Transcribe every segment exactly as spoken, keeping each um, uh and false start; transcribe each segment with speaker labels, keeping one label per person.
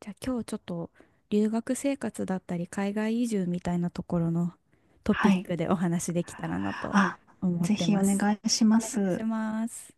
Speaker 1: じゃあ今日ちょっと留学生活だったり海外移住みたいなところのトピ
Speaker 2: は
Speaker 1: ッ
Speaker 2: い。
Speaker 1: クでお話できたらなと
Speaker 2: あ、
Speaker 1: 思っ
Speaker 2: ぜ
Speaker 1: て
Speaker 2: ひ
Speaker 1: ま
Speaker 2: お
Speaker 1: す。
Speaker 2: 願いしま
Speaker 1: お願いし
Speaker 2: す。
Speaker 1: ます。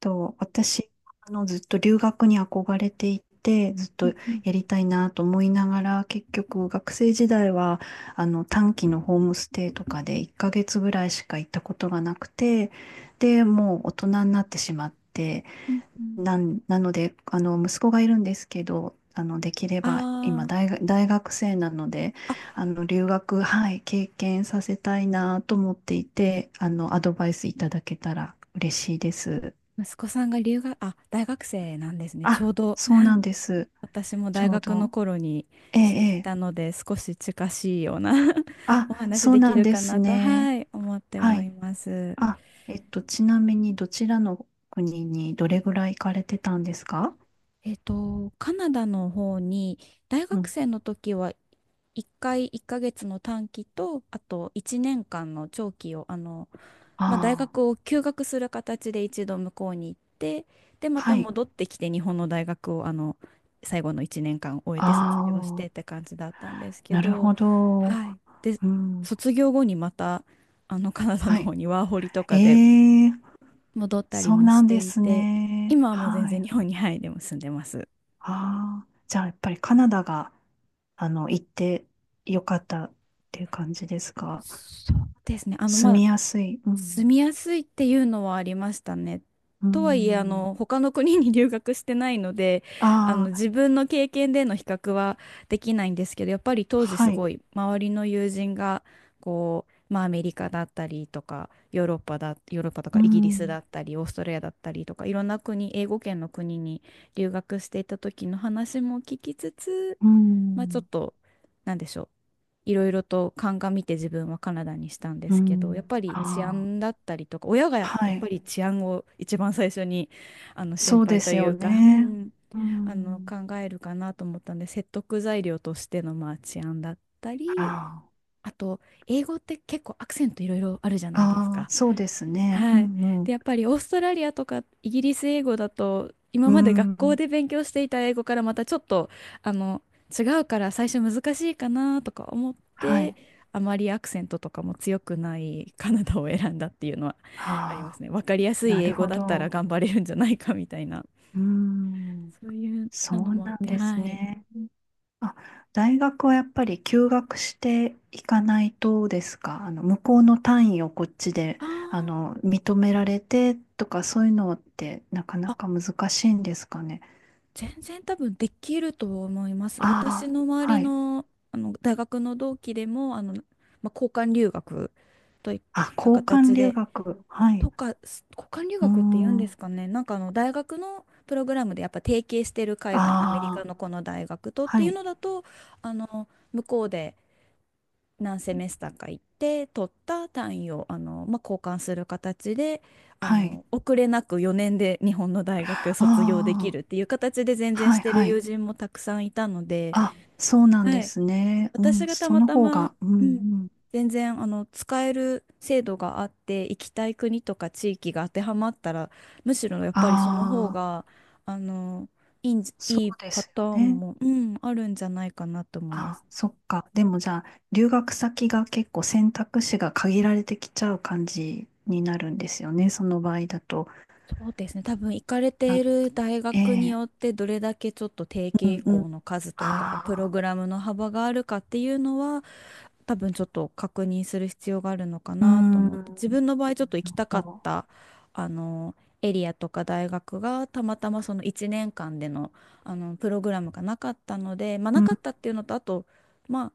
Speaker 2: と、私、あの、ずっと留学に憧れていて、ずっ
Speaker 1: う
Speaker 2: と
Speaker 1: ん、うん、
Speaker 2: やりたいなと思いながら、結局学生時代は、あの、短期のホームステイとかでいっかげつぐらいしか行ったことがなくて、で、もう大人になってしまって、
Speaker 1: うん、うん、
Speaker 2: なん、なので、あの、息子がいるんですけど、あの、できれ
Speaker 1: あ
Speaker 2: ば、今大
Speaker 1: ー、
Speaker 2: 学、大学生なので、
Speaker 1: あ、
Speaker 2: あの、留学、はい、経験させたいなと思っていて、あの、アドバイスいただけたら嬉しいです。
Speaker 1: 息子さんが留学、あ、大学生なんですね。ちょ
Speaker 2: あ、
Speaker 1: うど
Speaker 2: そうなんです。
Speaker 1: 私も
Speaker 2: ち
Speaker 1: 大
Speaker 2: ょう
Speaker 1: 学の
Speaker 2: ど。
Speaker 1: 頃に
Speaker 2: ええ、
Speaker 1: して
Speaker 2: え
Speaker 1: い
Speaker 2: え。
Speaker 1: たので少し近しいような
Speaker 2: あ、
Speaker 1: お話
Speaker 2: そう
Speaker 1: でき
Speaker 2: なん
Speaker 1: る
Speaker 2: で
Speaker 1: か
Speaker 2: す
Speaker 1: なと、
Speaker 2: ね。
Speaker 1: はい、思って
Speaker 2: は
Speaker 1: はい
Speaker 2: い。
Speaker 1: ます。
Speaker 2: あ、えっと、ちなみに、どちらの国にどれぐらい行かれてたんですか？
Speaker 1: えっと、カナダの方に大
Speaker 2: う
Speaker 1: 学
Speaker 2: ん。
Speaker 1: 生の時はいっかいいっかげつの短期とあといちねんかんの長期をあの、まあ、大
Speaker 2: あ
Speaker 1: 学を休学する形で一度向こうに行って、で、
Speaker 2: あ、
Speaker 1: ま
Speaker 2: は
Speaker 1: た
Speaker 2: い。
Speaker 1: 戻ってきて日本の大学をあの最後のいちねんかん終えて卒
Speaker 2: あ
Speaker 1: 業してっ
Speaker 2: あ。
Speaker 1: て感じだったんですけ
Speaker 2: なる
Speaker 1: ど、
Speaker 2: ほど。
Speaker 1: はい、で、
Speaker 2: うん。
Speaker 1: 卒業後にまたあのカナダ
Speaker 2: は
Speaker 1: の方
Speaker 2: い。
Speaker 1: にワーホリとかで
Speaker 2: ええ、
Speaker 1: 戻ったり
Speaker 2: そう
Speaker 1: も
Speaker 2: な
Speaker 1: し
Speaker 2: ん
Speaker 1: て
Speaker 2: で
Speaker 1: い
Speaker 2: す
Speaker 1: て、
Speaker 2: ね。
Speaker 1: 今はもう全
Speaker 2: は
Speaker 1: 然
Speaker 2: い。
Speaker 1: 日本に、はい、でも住んでます。
Speaker 2: ああ、じゃあやっぱりカナダが、あの、行ってよかったっていう感じですか？
Speaker 1: そうですね。あの、
Speaker 2: 住
Speaker 1: まあ、
Speaker 2: みやすい。うん。
Speaker 1: 住みやすいっていうのはありましたね。
Speaker 2: う
Speaker 1: とはいえ、あ
Speaker 2: ん。
Speaker 1: の、他の国に留学してないので、あの、
Speaker 2: ああ、
Speaker 1: 自分の経験での比較はできないんですけど、やっぱり当時す
Speaker 2: はい。
Speaker 1: ごい周りの友人が、こう、まあ、アメリカだったりとか、ヨーロッパだ、ヨーロッパと
Speaker 2: う
Speaker 1: かイギリス
Speaker 2: ん。
Speaker 1: だったり、オーストラリアだったりとか、いろんな国、英語圏の国に留学していた時の話も聞きつつ、
Speaker 2: う
Speaker 1: まあ、ちょっ
Speaker 2: ん。
Speaker 1: と、なんでしょう。いろいろと鑑みて自分はカナダにしたんで
Speaker 2: う
Speaker 1: すけど、やっ
Speaker 2: ん。
Speaker 1: ぱり治
Speaker 2: あ
Speaker 1: 安だったりとか、親が
Speaker 2: あ、
Speaker 1: やや
Speaker 2: は
Speaker 1: っ
Speaker 2: い。
Speaker 1: ぱり治安を一番最初にあの心
Speaker 2: そう
Speaker 1: 配
Speaker 2: で
Speaker 1: と
Speaker 2: す
Speaker 1: い
Speaker 2: よ
Speaker 1: うか、う
Speaker 2: ね。
Speaker 1: ん
Speaker 2: う
Speaker 1: あの
Speaker 2: ん。
Speaker 1: 考えるかなと思ったんで、説得材料としての、まあ、治安だったり、
Speaker 2: あ
Speaker 1: あと英語って結構アクセントいろいろあるじゃ
Speaker 2: あ、
Speaker 1: ないです
Speaker 2: ああ、
Speaker 1: か。
Speaker 2: そうですね。う
Speaker 1: はい。
Speaker 2: んう
Speaker 1: で、
Speaker 2: ん。
Speaker 1: やっぱりオーストラリアとかイギリス英語だと、今
Speaker 2: う
Speaker 1: まで学校
Speaker 2: ん。
Speaker 1: で勉強していた英語からまたちょっと、あの、違うから最初難しいかなとか思っ
Speaker 2: は
Speaker 1: て、
Speaker 2: い。
Speaker 1: あまりアクセントとかも強くないカナダを選んだっていうのはありま
Speaker 2: あ
Speaker 1: す
Speaker 2: あ、
Speaker 1: ね。わかりやすい
Speaker 2: なる
Speaker 1: 英語
Speaker 2: ほ
Speaker 1: だったら
Speaker 2: ど。
Speaker 1: 頑張れるんじゃないかみたいな、
Speaker 2: うーん、
Speaker 1: そういう
Speaker 2: そ
Speaker 1: なの
Speaker 2: う
Speaker 1: もあっ
Speaker 2: なん
Speaker 1: て、
Speaker 2: です
Speaker 1: はい。
Speaker 2: ね。あ、大学はやっぱり休学していかないとですか？あの、向こうの単位をこっちで、
Speaker 1: あ
Speaker 2: あ
Speaker 1: ー、
Speaker 2: の、認められてとかそういうのってなかな
Speaker 1: あ、
Speaker 2: か難しいんですかね。
Speaker 1: 全然多分できると思います。
Speaker 2: あ
Speaker 1: 私
Speaker 2: あ、
Speaker 1: の周り
Speaker 2: はい。
Speaker 1: の、あの大学の同期でもあの、まあ、交換留学といっ
Speaker 2: あ、
Speaker 1: た
Speaker 2: 交換
Speaker 1: 形
Speaker 2: 留
Speaker 1: で
Speaker 2: 学。はい。
Speaker 1: とかす交換留
Speaker 2: うー
Speaker 1: 学って言うんです
Speaker 2: ん。
Speaker 1: かね。なんかあの大学のプログラムでやっぱ提携してる海外アメリ
Speaker 2: あ
Speaker 1: カ
Speaker 2: あ、
Speaker 1: のこの大学とって
Speaker 2: は
Speaker 1: いう
Speaker 2: い。
Speaker 1: のだと、あの向こうで何セメスターか行って取った単位をあの、まあ、交換する形であ
Speaker 2: はい。
Speaker 1: の遅れなくよねんで日本の大学卒業で
Speaker 2: あ
Speaker 1: きるっていう形で全
Speaker 2: あ、
Speaker 1: 然
Speaker 2: は
Speaker 1: し
Speaker 2: い、
Speaker 1: てる
Speaker 2: はい。
Speaker 1: 友人もたくさんいたので、
Speaker 2: あ、そうなん
Speaker 1: は
Speaker 2: で
Speaker 1: い、
Speaker 2: すね。う
Speaker 1: 私
Speaker 2: ん、
Speaker 1: がた
Speaker 2: そ
Speaker 1: ま
Speaker 2: の
Speaker 1: た
Speaker 2: 方
Speaker 1: ま、
Speaker 2: が、うん、
Speaker 1: うん、
Speaker 2: うん。
Speaker 1: 全然あの使える制度があって行きたい国とか地域が当てはまったら、むしろやっぱりその方
Speaker 2: ああ、
Speaker 1: があのいいんじ、
Speaker 2: そ
Speaker 1: いい
Speaker 2: うで
Speaker 1: パ
Speaker 2: す
Speaker 1: タ
Speaker 2: よ
Speaker 1: ーン
Speaker 2: ね。
Speaker 1: も、うん、あるんじゃないかなと思いま
Speaker 2: あ、
Speaker 1: す。
Speaker 2: そっか。でもじゃあ、留学先が結構選択肢が限られてきちゃう感じになるんですよね。その場合だと。
Speaker 1: そうですね。多分行かれている大
Speaker 2: な、
Speaker 1: 学に
Speaker 2: ええ
Speaker 1: よってどれだけちょっと提
Speaker 2: う
Speaker 1: 携
Speaker 2: んうん。
Speaker 1: 校の数とかプロ
Speaker 2: ああ、
Speaker 1: グラムの幅があるかっていうのは多分ちょっと確認する必要があるのか
Speaker 2: う
Speaker 1: なと
Speaker 2: ー
Speaker 1: 思って、自
Speaker 2: ん。
Speaker 1: 分の場合ちょっと行きたか
Speaker 2: そ
Speaker 1: ったあのエリアとか大学がたまたまそのいちねんかんでの、あのプログラムがなかったのでまあ
Speaker 2: う。
Speaker 1: な
Speaker 2: う
Speaker 1: かっ
Speaker 2: ん、
Speaker 1: たっていうのと、あと、ま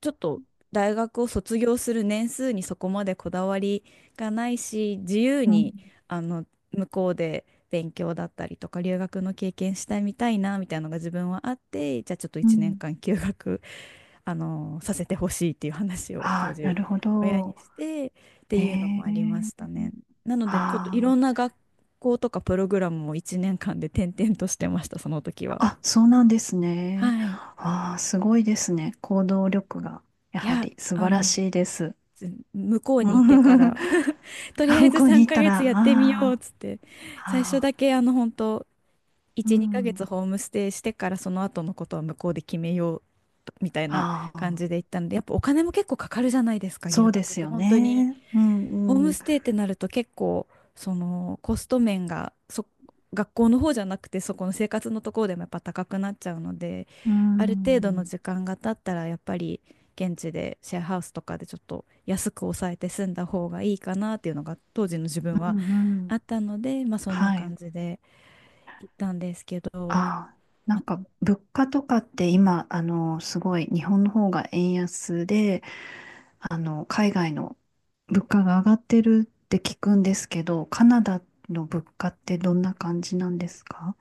Speaker 1: ちょっと大学を卒業する年数にそこまでこだわりがないし、自由
Speaker 2: うん、
Speaker 1: にあの向こうで勉強だったりとか留学の経験したいみたいなみたいなのが自分はあって、じゃあちょっと
Speaker 2: う
Speaker 1: 1年
Speaker 2: ん。
Speaker 1: 間休学、あのさせてほしいっていう話を当
Speaker 2: ああ、な
Speaker 1: 時
Speaker 2: るほ
Speaker 1: 親
Speaker 2: ど。
Speaker 1: にしてって
Speaker 2: へ
Speaker 1: いうの
Speaker 2: え
Speaker 1: もありましたね。なのでちょっとい
Speaker 2: あ
Speaker 1: ろんな学校とかプログラムをいちねんかんで転々としてました、その時は。
Speaker 2: あ、あ、そうなんですね。
Speaker 1: はい。
Speaker 2: ああ、すごいですね。行動力が、や
Speaker 1: い
Speaker 2: は
Speaker 1: や、
Speaker 2: り素
Speaker 1: あ
Speaker 2: 晴ら
Speaker 1: の、
Speaker 2: しいです。
Speaker 1: ず向こ う
Speaker 2: う
Speaker 1: にいてか
Speaker 2: ん
Speaker 1: ら とり
Speaker 2: あ
Speaker 1: あえ
Speaker 2: 向
Speaker 1: ず
Speaker 2: こうに
Speaker 1: 3
Speaker 2: 行った
Speaker 1: ヶ
Speaker 2: ら、
Speaker 1: 月やってみようっ
Speaker 2: あ
Speaker 1: つって、
Speaker 2: あ、
Speaker 1: 最初
Speaker 2: あ
Speaker 1: だけあの本当
Speaker 2: あ、う
Speaker 1: いち、2ヶ
Speaker 2: ん、
Speaker 1: 月ホームステイしてからその後のことは向こうで決めようみたいな
Speaker 2: あ
Speaker 1: 感
Speaker 2: あ、
Speaker 1: じで行ったので、やっぱお金も結構かかるじゃないですか、
Speaker 2: そ
Speaker 1: 留
Speaker 2: うで
Speaker 1: 学っ
Speaker 2: す
Speaker 1: て
Speaker 2: よ
Speaker 1: 本当に。
Speaker 2: ね。う
Speaker 1: ホー
Speaker 2: ん、う
Speaker 1: ム
Speaker 2: ん、
Speaker 1: ステイってなると結構そのコスト面がそ学校の方じゃなくてそこの生活のところでもやっぱ高くなっちゃうので、
Speaker 2: うん、う
Speaker 1: ある程度の
Speaker 2: ん、
Speaker 1: 時間が経ったらやっぱり現地でシェアハウスとかでちょっと安く抑えて住んだ方がいいかなっていうのが当時の自分
Speaker 2: う
Speaker 1: は
Speaker 2: ん
Speaker 1: あったので、まあ、そんな
Speaker 2: は
Speaker 1: 感
Speaker 2: い。
Speaker 1: じで行ったんですけど、
Speaker 2: ああ、な
Speaker 1: ま
Speaker 2: ん
Speaker 1: あ、
Speaker 2: か物価とかって今、あの、すごい日本の方が円安で、あの、海外の物価が上がってるって聞くんですけど、カナダの物価ってどんな感じなんですか？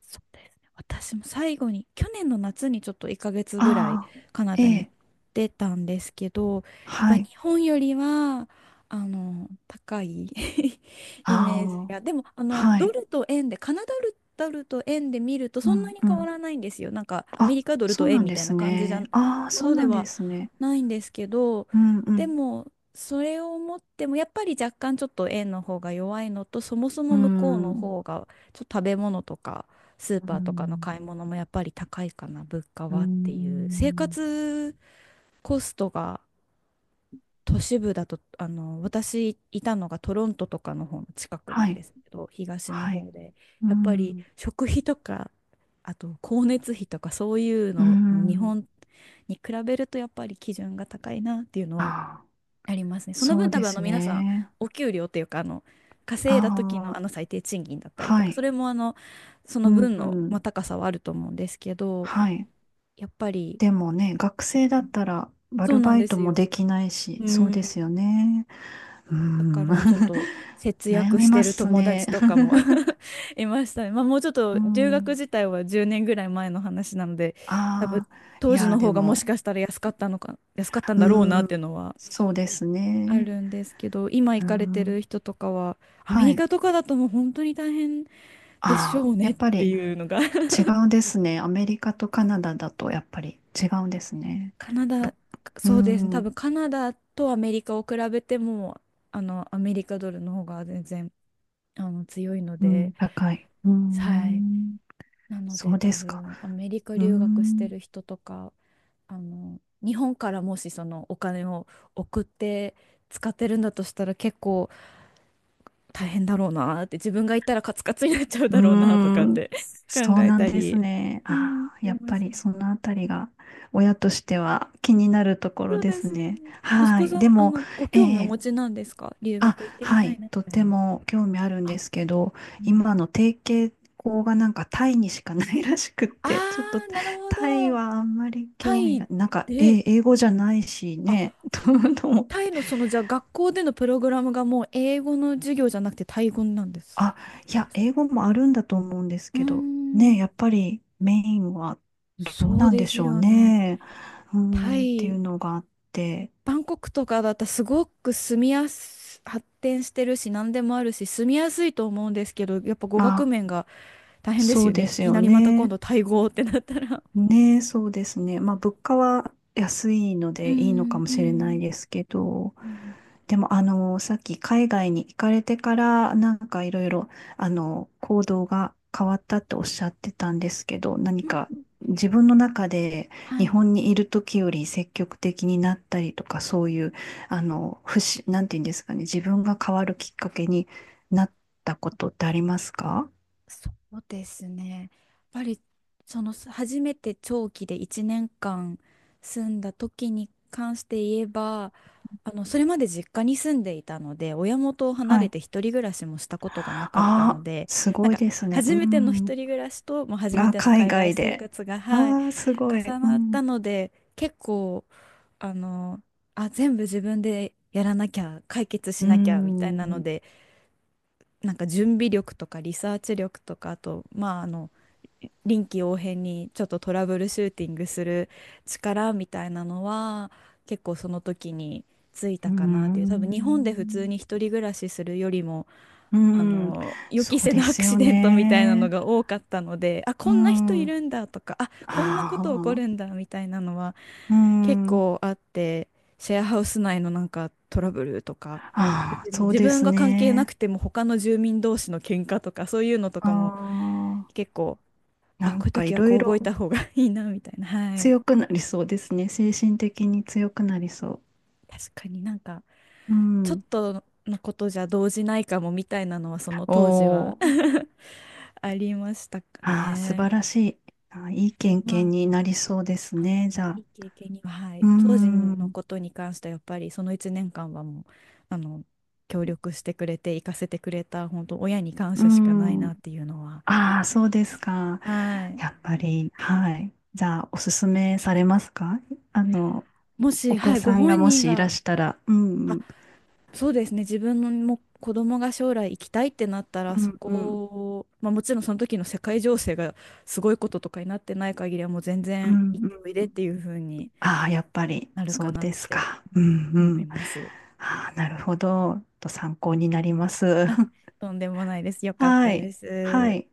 Speaker 1: そうですね。私も最後に、去年の夏にちょっといっかげつぐらい
Speaker 2: ああ、
Speaker 1: カナ
Speaker 2: え
Speaker 1: ダに行っ
Speaker 2: え、
Speaker 1: てたんですけど、やっぱ
Speaker 2: は
Speaker 1: り
Speaker 2: い。
Speaker 1: 日本よりは、あの、高い
Speaker 2: あ
Speaker 1: イメージが。でも、あ
Speaker 2: あ、
Speaker 1: の、
Speaker 2: は
Speaker 1: ド
Speaker 2: い。
Speaker 1: ルと円で、カナダル、ドルと円で見ると
Speaker 2: う
Speaker 1: そんな
Speaker 2: ん
Speaker 1: に
Speaker 2: う
Speaker 1: 変わ
Speaker 2: ん。
Speaker 1: らないんですよ。なんか、アメ
Speaker 2: あ、
Speaker 1: リカドル
Speaker 2: そ
Speaker 1: と
Speaker 2: うな
Speaker 1: 円
Speaker 2: ん
Speaker 1: み
Speaker 2: で
Speaker 1: たいな
Speaker 2: す
Speaker 1: 感じじ
Speaker 2: ね。
Speaker 1: ゃ、
Speaker 2: ああ、
Speaker 1: ほ
Speaker 2: そう
Speaker 1: どで
Speaker 2: なんで
Speaker 1: は
Speaker 2: すね。
Speaker 1: ないんですけど、
Speaker 2: うんう
Speaker 1: で
Speaker 2: ん。
Speaker 1: も、それを思っても、やっぱり若干ちょっと円の方が弱いのと、そもそ
Speaker 2: う
Speaker 1: も向こうの
Speaker 2: ん。
Speaker 1: 方が、ちょっと食べ物とか、スー
Speaker 2: う
Speaker 1: パーとかの
Speaker 2: ん。
Speaker 1: 買い物もやっぱり高いかな、物価
Speaker 2: う
Speaker 1: はっていう。生
Speaker 2: ん。
Speaker 1: 活コストが都市部だと、あの、私いたのがトロントとかの方の近くな
Speaker 2: は
Speaker 1: んで
Speaker 2: い。
Speaker 1: すけど、東の
Speaker 2: はい。
Speaker 1: 方で、
Speaker 2: う
Speaker 1: やっぱり
Speaker 2: ん。
Speaker 1: 食費とか、あと光熱費とかそういう
Speaker 2: う
Speaker 1: のも日
Speaker 2: ん。
Speaker 1: 本に比べるとやっぱり基準が高いなっていうの
Speaker 2: あ
Speaker 1: は
Speaker 2: あ、
Speaker 1: ありますね。その
Speaker 2: そ
Speaker 1: 分
Speaker 2: う
Speaker 1: 多
Speaker 2: で
Speaker 1: 分あの
Speaker 2: す
Speaker 1: 皆さん
Speaker 2: ね。
Speaker 1: お給料というかあの稼いだ時のあ
Speaker 2: あ
Speaker 1: の最低賃金だっ
Speaker 2: あ、
Speaker 1: たりと
Speaker 2: は
Speaker 1: か、そ
Speaker 2: い。
Speaker 1: れもあのそ
Speaker 2: う
Speaker 1: の
Speaker 2: ん。
Speaker 1: 分
Speaker 2: う
Speaker 1: の、まあ、
Speaker 2: ん
Speaker 1: 高さはあると思うんですけど、
Speaker 2: はい。
Speaker 1: やっぱり
Speaker 2: でもね、学生だったら、ア
Speaker 1: そう
Speaker 2: ル
Speaker 1: なん
Speaker 2: バ
Speaker 1: で
Speaker 2: イト
Speaker 1: す
Speaker 2: もで
Speaker 1: よ。
Speaker 2: きないし、
Speaker 1: う
Speaker 2: そうですよ
Speaker 1: ん。
Speaker 2: ね。う
Speaker 1: だか
Speaker 2: ん。
Speaker 1: らちょっと節
Speaker 2: 悩
Speaker 1: 約
Speaker 2: み
Speaker 1: して
Speaker 2: ま
Speaker 1: る
Speaker 2: す
Speaker 1: 友
Speaker 2: ね。
Speaker 1: 達とかも いましたね。まあ、もうちょっ と
Speaker 2: う
Speaker 1: 留学
Speaker 2: ん。
Speaker 1: 自体はじゅうねんぐらい前の話なので、多分
Speaker 2: ああ、い
Speaker 1: 当時
Speaker 2: や、
Speaker 1: の
Speaker 2: で
Speaker 1: 方がも
Speaker 2: も、
Speaker 1: しかしたら安かったのか安かったんだろうな
Speaker 2: う
Speaker 1: っ
Speaker 2: ん、
Speaker 1: ていうのは
Speaker 2: そうです
Speaker 1: あ
Speaker 2: ね。
Speaker 1: るんですけど、今行
Speaker 2: う
Speaker 1: かれて
Speaker 2: ん、
Speaker 1: る人とかは、アメ
Speaker 2: は
Speaker 1: リ
Speaker 2: い。
Speaker 1: カとかだともう本当に大変でしょ
Speaker 2: ああ、
Speaker 1: う
Speaker 2: や
Speaker 1: ねっ
Speaker 2: っぱ
Speaker 1: て
Speaker 2: り
Speaker 1: いうのが
Speaker 2: 違うんですね。アメリカとカナダだとやっぱり違うんですね。
Speaker 1: カナ
Speaker 2: ぶ
Speaker 1: ダ、
Speaker 2: う
Speaker 1: そうですね、多分
Speaker 2: ん、
Speaker 1: カナダとアメリカを比べても、あの、アメリカドルの方が全然、あの、強いの
Speaker 2: う
Speaker 1: で、
Speaker 2: ん、高い。う
Speaker 1: はい。
Speaker 2: ん、
Speaker 1: なの
Speaker 2: そ
Speaker 1: で
Speaker 2: う
Speaker 1: 多
Speaker 2: ですか。
Speaker 1: 分、アメリカ
Speaker 2: う
Speaker 1: 留学して
Speaker 2: ん、
Speaker 1: る人とか、あの、日本からもしそのお金を送って使ってるんだとしたら結構、大変だろうなーって自分が行ったらカツカツになっちゃうだ
Speaker 2: う
Speaker 1: ろうなーとかっ
Speaker 2: ん、
Speaker 1: て 考
Speaker 2: そう
Speaker 1: え
Speaker 2: なん
Speaker 1: た
Speaker 2: です
Speaker 1: り、
Speaker 2: ね。
Speaker 1: うん、
Speaker 2: ああ、
Speaker 1: で
Speaker 2: や
Speaker 1: も、
Speaker 2: っぱりそのあたりが親としては気になるところ
Speaker 1: そう
Speaker 2: で
Speaker 1: で
Speaker 2: す
Speaker 1: すよ
Speaker 2: ね。
Speaker 1: ね。息
Speaker 2: は
Speaker 1: 子
Speaker 2: い。
Speaker 1: さ
Speaker 2: で
Speaker 1: ん、あ
Speaker 2: も、
Speaker 1: の、ご
Speaker 2: え
Speaker 1: 興味お
Speaker 2: え
Speaker 1: 持ちなんですか、留
Speaker 2: あ、
Speaker 1: 学行ってみ
Speaker 2: は
Speaker 1: たい
Speaker 2: い、
Speaker 1: なみ
Speaker 2: と
Speaker 1: たい
Speaker 2: て
Speaker 1: な。
Speaker 2: も興味あるん
Speaker 1: あ、
Speaker 2: ですけど、
Speaker 1: うん、
Speaker 2: 今の提携校がなんかタイにしかないらしくっ
Speaker 1: あ
Speaker 2: て、ちょっと
Speaker 1: ー、なるほ
Speaker 2: タイ
Speaker 1: ど。
Speaker 2: はあんまり
Speaker 1: タ
Speaker 2: 興味が、
Speaker 1: イ
Speaker 2: なんか、
Speaker 1: で、
Speaker 2: え、英語じゃないし
Speaker 1: あ、
Speaker 2: ね、とと思っ
Speaker 1: タ
Speaker 2: て。
Speaker 1: イのその、じゃあ学校でのプログラムがもう英語の授業じゃなくてタイ語なんです。
Speaker 2: あ、いや、英語もあるんだと思うんです
Speaker 1: うー
Speaker 2: けど、
Speaker 1: ん、
Speaker 2: ね、やっぱりメインはどう
Speaker 1: そう
Speaker 2: なん
Speaker 1: で
Speaker 2: でし
Speaker 1: す
Speaker 2: ょう
Speaker 1: よね。
Speaker 2: ね、うー
Speaker 1: タ
Speaker 2: ん、ってい
Speaker 1: イ、
Speaker 2: うのがあって、
Speaker 1: バンコクとかだったらすごく住みやす、発展してるし何でもあるし住みやすいと思うんですけど、やっぱ語学
Speaker 2: あ、
Speaker 1: 面が大変で
Speaker 2: そ
Speaker 1: すよ
Speaker 2: う
Speaker 1: ね。
Speaker 2: で
Speaker 1: い
Speaker 2: す
Speaker 1: き
Speaker 2: よ
Speaker 1: なりまた今
Speaker 2: ね。
Speaker 1: 度タイ語ってなったら。
Speaker 2: ねえ、そうですね。まあ、物価は安いの
Speaker 1: う
Speaker 2: でいいのか
Speaker 1: ん、
Speaker 2: も
Speaker 1: う
Speaker 2: しれない
Speaker 1: ん、
Speaker 2: ですけど、
Speaker 1: うん、うん、
Speaker 2: でも、あの、さっき海外に行かれてから、なんかいろいろ、あの、行動が変わったっておっしゃってたんですけど、何
Speaker 1: うん、
Speaker 2: か自分の中で
Speaker 1: は
Speaker 2: 日
Speaker 1: い。
Speaker 2: 本にいる時より積極的になったりとか、そういう、あの、不思なんていうんですかね、自分が変わるきっかけになったことってありますか？
Speaker 1: そうですね。やっぱりそのす初めて長期でいちねんかん住んだ時に関して言えば、あのそれまで実家に住んでいたので、親元を離
Speaker 2: は
Speaker 1: れ
Speaker 2: い。
Speaker 1: て一人暮らしもしたことがなかった
Speaker 2: あ
Speaker 1: の
Speaker 2: あ、
Speaker 1: で、
Speaker 2: す
Speaker 1: な
Speaker 2: ご
Speaker 1: ん
Speaker 2: い
Speaker 1: か
Speaker 2: ですね。う
Speaker 1: 初めての一
Speaker 2: ん。
Speaker 1: 人暮らしと、もう初め
Speaker 2: あ、
Speaker 1: ての
Speaker 2: 海
Speaker 1: 海外
Speaker 2: 外
Speaker 1: 生
Speaker 2: で。
Speaker 1: 活が、はい、
Speaker 2: ああ、すごい。
Speaker 1: 重
Speaker 2: う
Speaker 1: なっ
Speaker 2: ん。
Speaker 1: たので、結構あの、あ、全部自分でやらなきゃ、解決し
Speaker 2: う
Speaker 1: なきゃみたいな
Speaker 2: ん。
Speaker 1: の
Speaker 2: う
Speaker 1: で。なんか準備力とかリサーチ力とか、あと、まあ、あの臨機応変にちょっとトラブルシューティングする力みたいなのは結構その時につい
Speaker 2: ー
Speaker 1: たかなっていう、多分日本で普通
Speaker 2: ん。
Speaker 1: に一人暮らしするよりも
Speaker 2: う
Speaker 1: あ
Speaker 2: ん。
Speaker 1: の予
Speaker 2: そ
Speaker 1: 期
Speaker 2: う
Speaker 1: せ
Speaker 2: で
Speaker 1: ぬア
Speaker 2: す
Speaker 1: クシ
Speaker 2: よ
Speaker 1: デントみたいなの
Speaker 2: ね。
Speaker 1: が多かったので、あ、
Speaker 2: う
Speaker 1: こんな人い
Speaker 2: ん。
Speaker 1: るんだとか、あ、こんなこ
Speaker 2: あ
Speaker 1: と起こ
Speaker 2: あ。
Speaker 1: るんだみたいなのは
Speaker 2: う
Speaker 1: 結
Speaker 2: ん。
Speaker 1: 構あって、シェアハウス内のなんかトラブルとか、
Speaker 2: ああ、
Speaker 1: 別に
Speaker 2: そう
Speaker 1: 自
Speaker 2: で
Speaker 1: 分
Speaker 2: す
Speaker 1: が関係な
Speaker 2: ね。
Speaker 1: くても他の住民同士の喧嘩とかそういうのと
Speaker 2: あ
Speaker 1: かも
Speaker 2: あ。
Speaker 1: 結構、あ、
Speaker 2: なん
Speaker 1: こういう
Speaker 2: かい
Speaker 1: 時は
Speaker 2: ろい
Speaker 1: こう動
Speaker 2: ろ
Speaker 1: いた方がいいなみたいな、はい、
Speaker 2: 強くなりそうですね。精神的に強くなりそ
Speaker 1: 確かになんか
Speaker 2: う。う
Speaker 1: ちょっ
Speaker 2: ん。
Speaker 1: とのことじゃ動じないかもみたいなのはその当時
Speaker 2: お
Speaker 1: は
Speaker 2: お。
Speaker 1: ありましたか
Speaker 2: ああ、素晴
Speaker 1: ね。
Speaker 2: らしい。ああ、いい
Speaker 1: でも、
Speaker 2: 経
Speaker 1: ま
Speaker 2: 験
Speaker 1: あ、
Speaker 2: になりそうです
Speaker 1: あの、
Speaker 2: ね。じゃ
Speaker 1: い
Speaker 2: あ。
Speaker 1: い経験には、は
Speaker 2: う
Speaker 1: い、当時の
Speaker 2: ん。
Speaker 1: ことに関してはやっぱりそのいちねんかんはもう、あの、協力してくれて、行かせてくれた、本当親に感
Speaker 2: う
Speaker 1: 謝しかない
Speaker 2: ん。
Speaker 1: なっていうのは。
Speaker 2: ああ、そうですか。
Speaker 1: はい。
Speaker 2: やっぱり、はい。じゃあ、おすすめされますか？あの、
Speaker 1: もし、
Speaker 2: お子
Speaker 1: はい、ご
Speaker 2: さんが
Speaker 1: 本
Speaker 2: も
Speaker 1: 人
Speaker 2: しいら
Speaker 1: が、
Speaker 2: したら、うん、う
Speaker 1: あ、
Speaker 2: ん、
Speaker 1: そうですね、自分のも子供が将来行きたいってなったら、
Speaker 2: う
Speaker 1: そこ
Speaker 2: ん、
Speaker 1: を、まあ、もちろんその時の世界情勢がすごいこととかになってない限りは、もう全
Speaker 2: う
Speaker 1: 然
Speaker 2: ん、
Speaker 1: 行っておい
Speaker 2: う
Speaker 1: でっ
Speaker 2: ん。
Speaker 1: ていう風に
Speaker 2: ああ、やっぱり、
Speaker 1: なる
Speaker 2: そ
Speaker 1: か
Speaker 2: う
Speaker 1: なっ
Speaker 2: です
Speaker 1: て
Speaker 2: か。うん、
Speaker 1: 思
Speaker 2: う
Speaker 1: い
Speaker 2: ん。
Speaker 1: ます。
Speaker 2: ああ、なるほど。と参考になります。
Speaker 1: とんでもないです。よかっ
Speaker 2: は
Speaker 1: たで
Speaker 2: い、は
Speaker 1: す。
Speaker 2: い。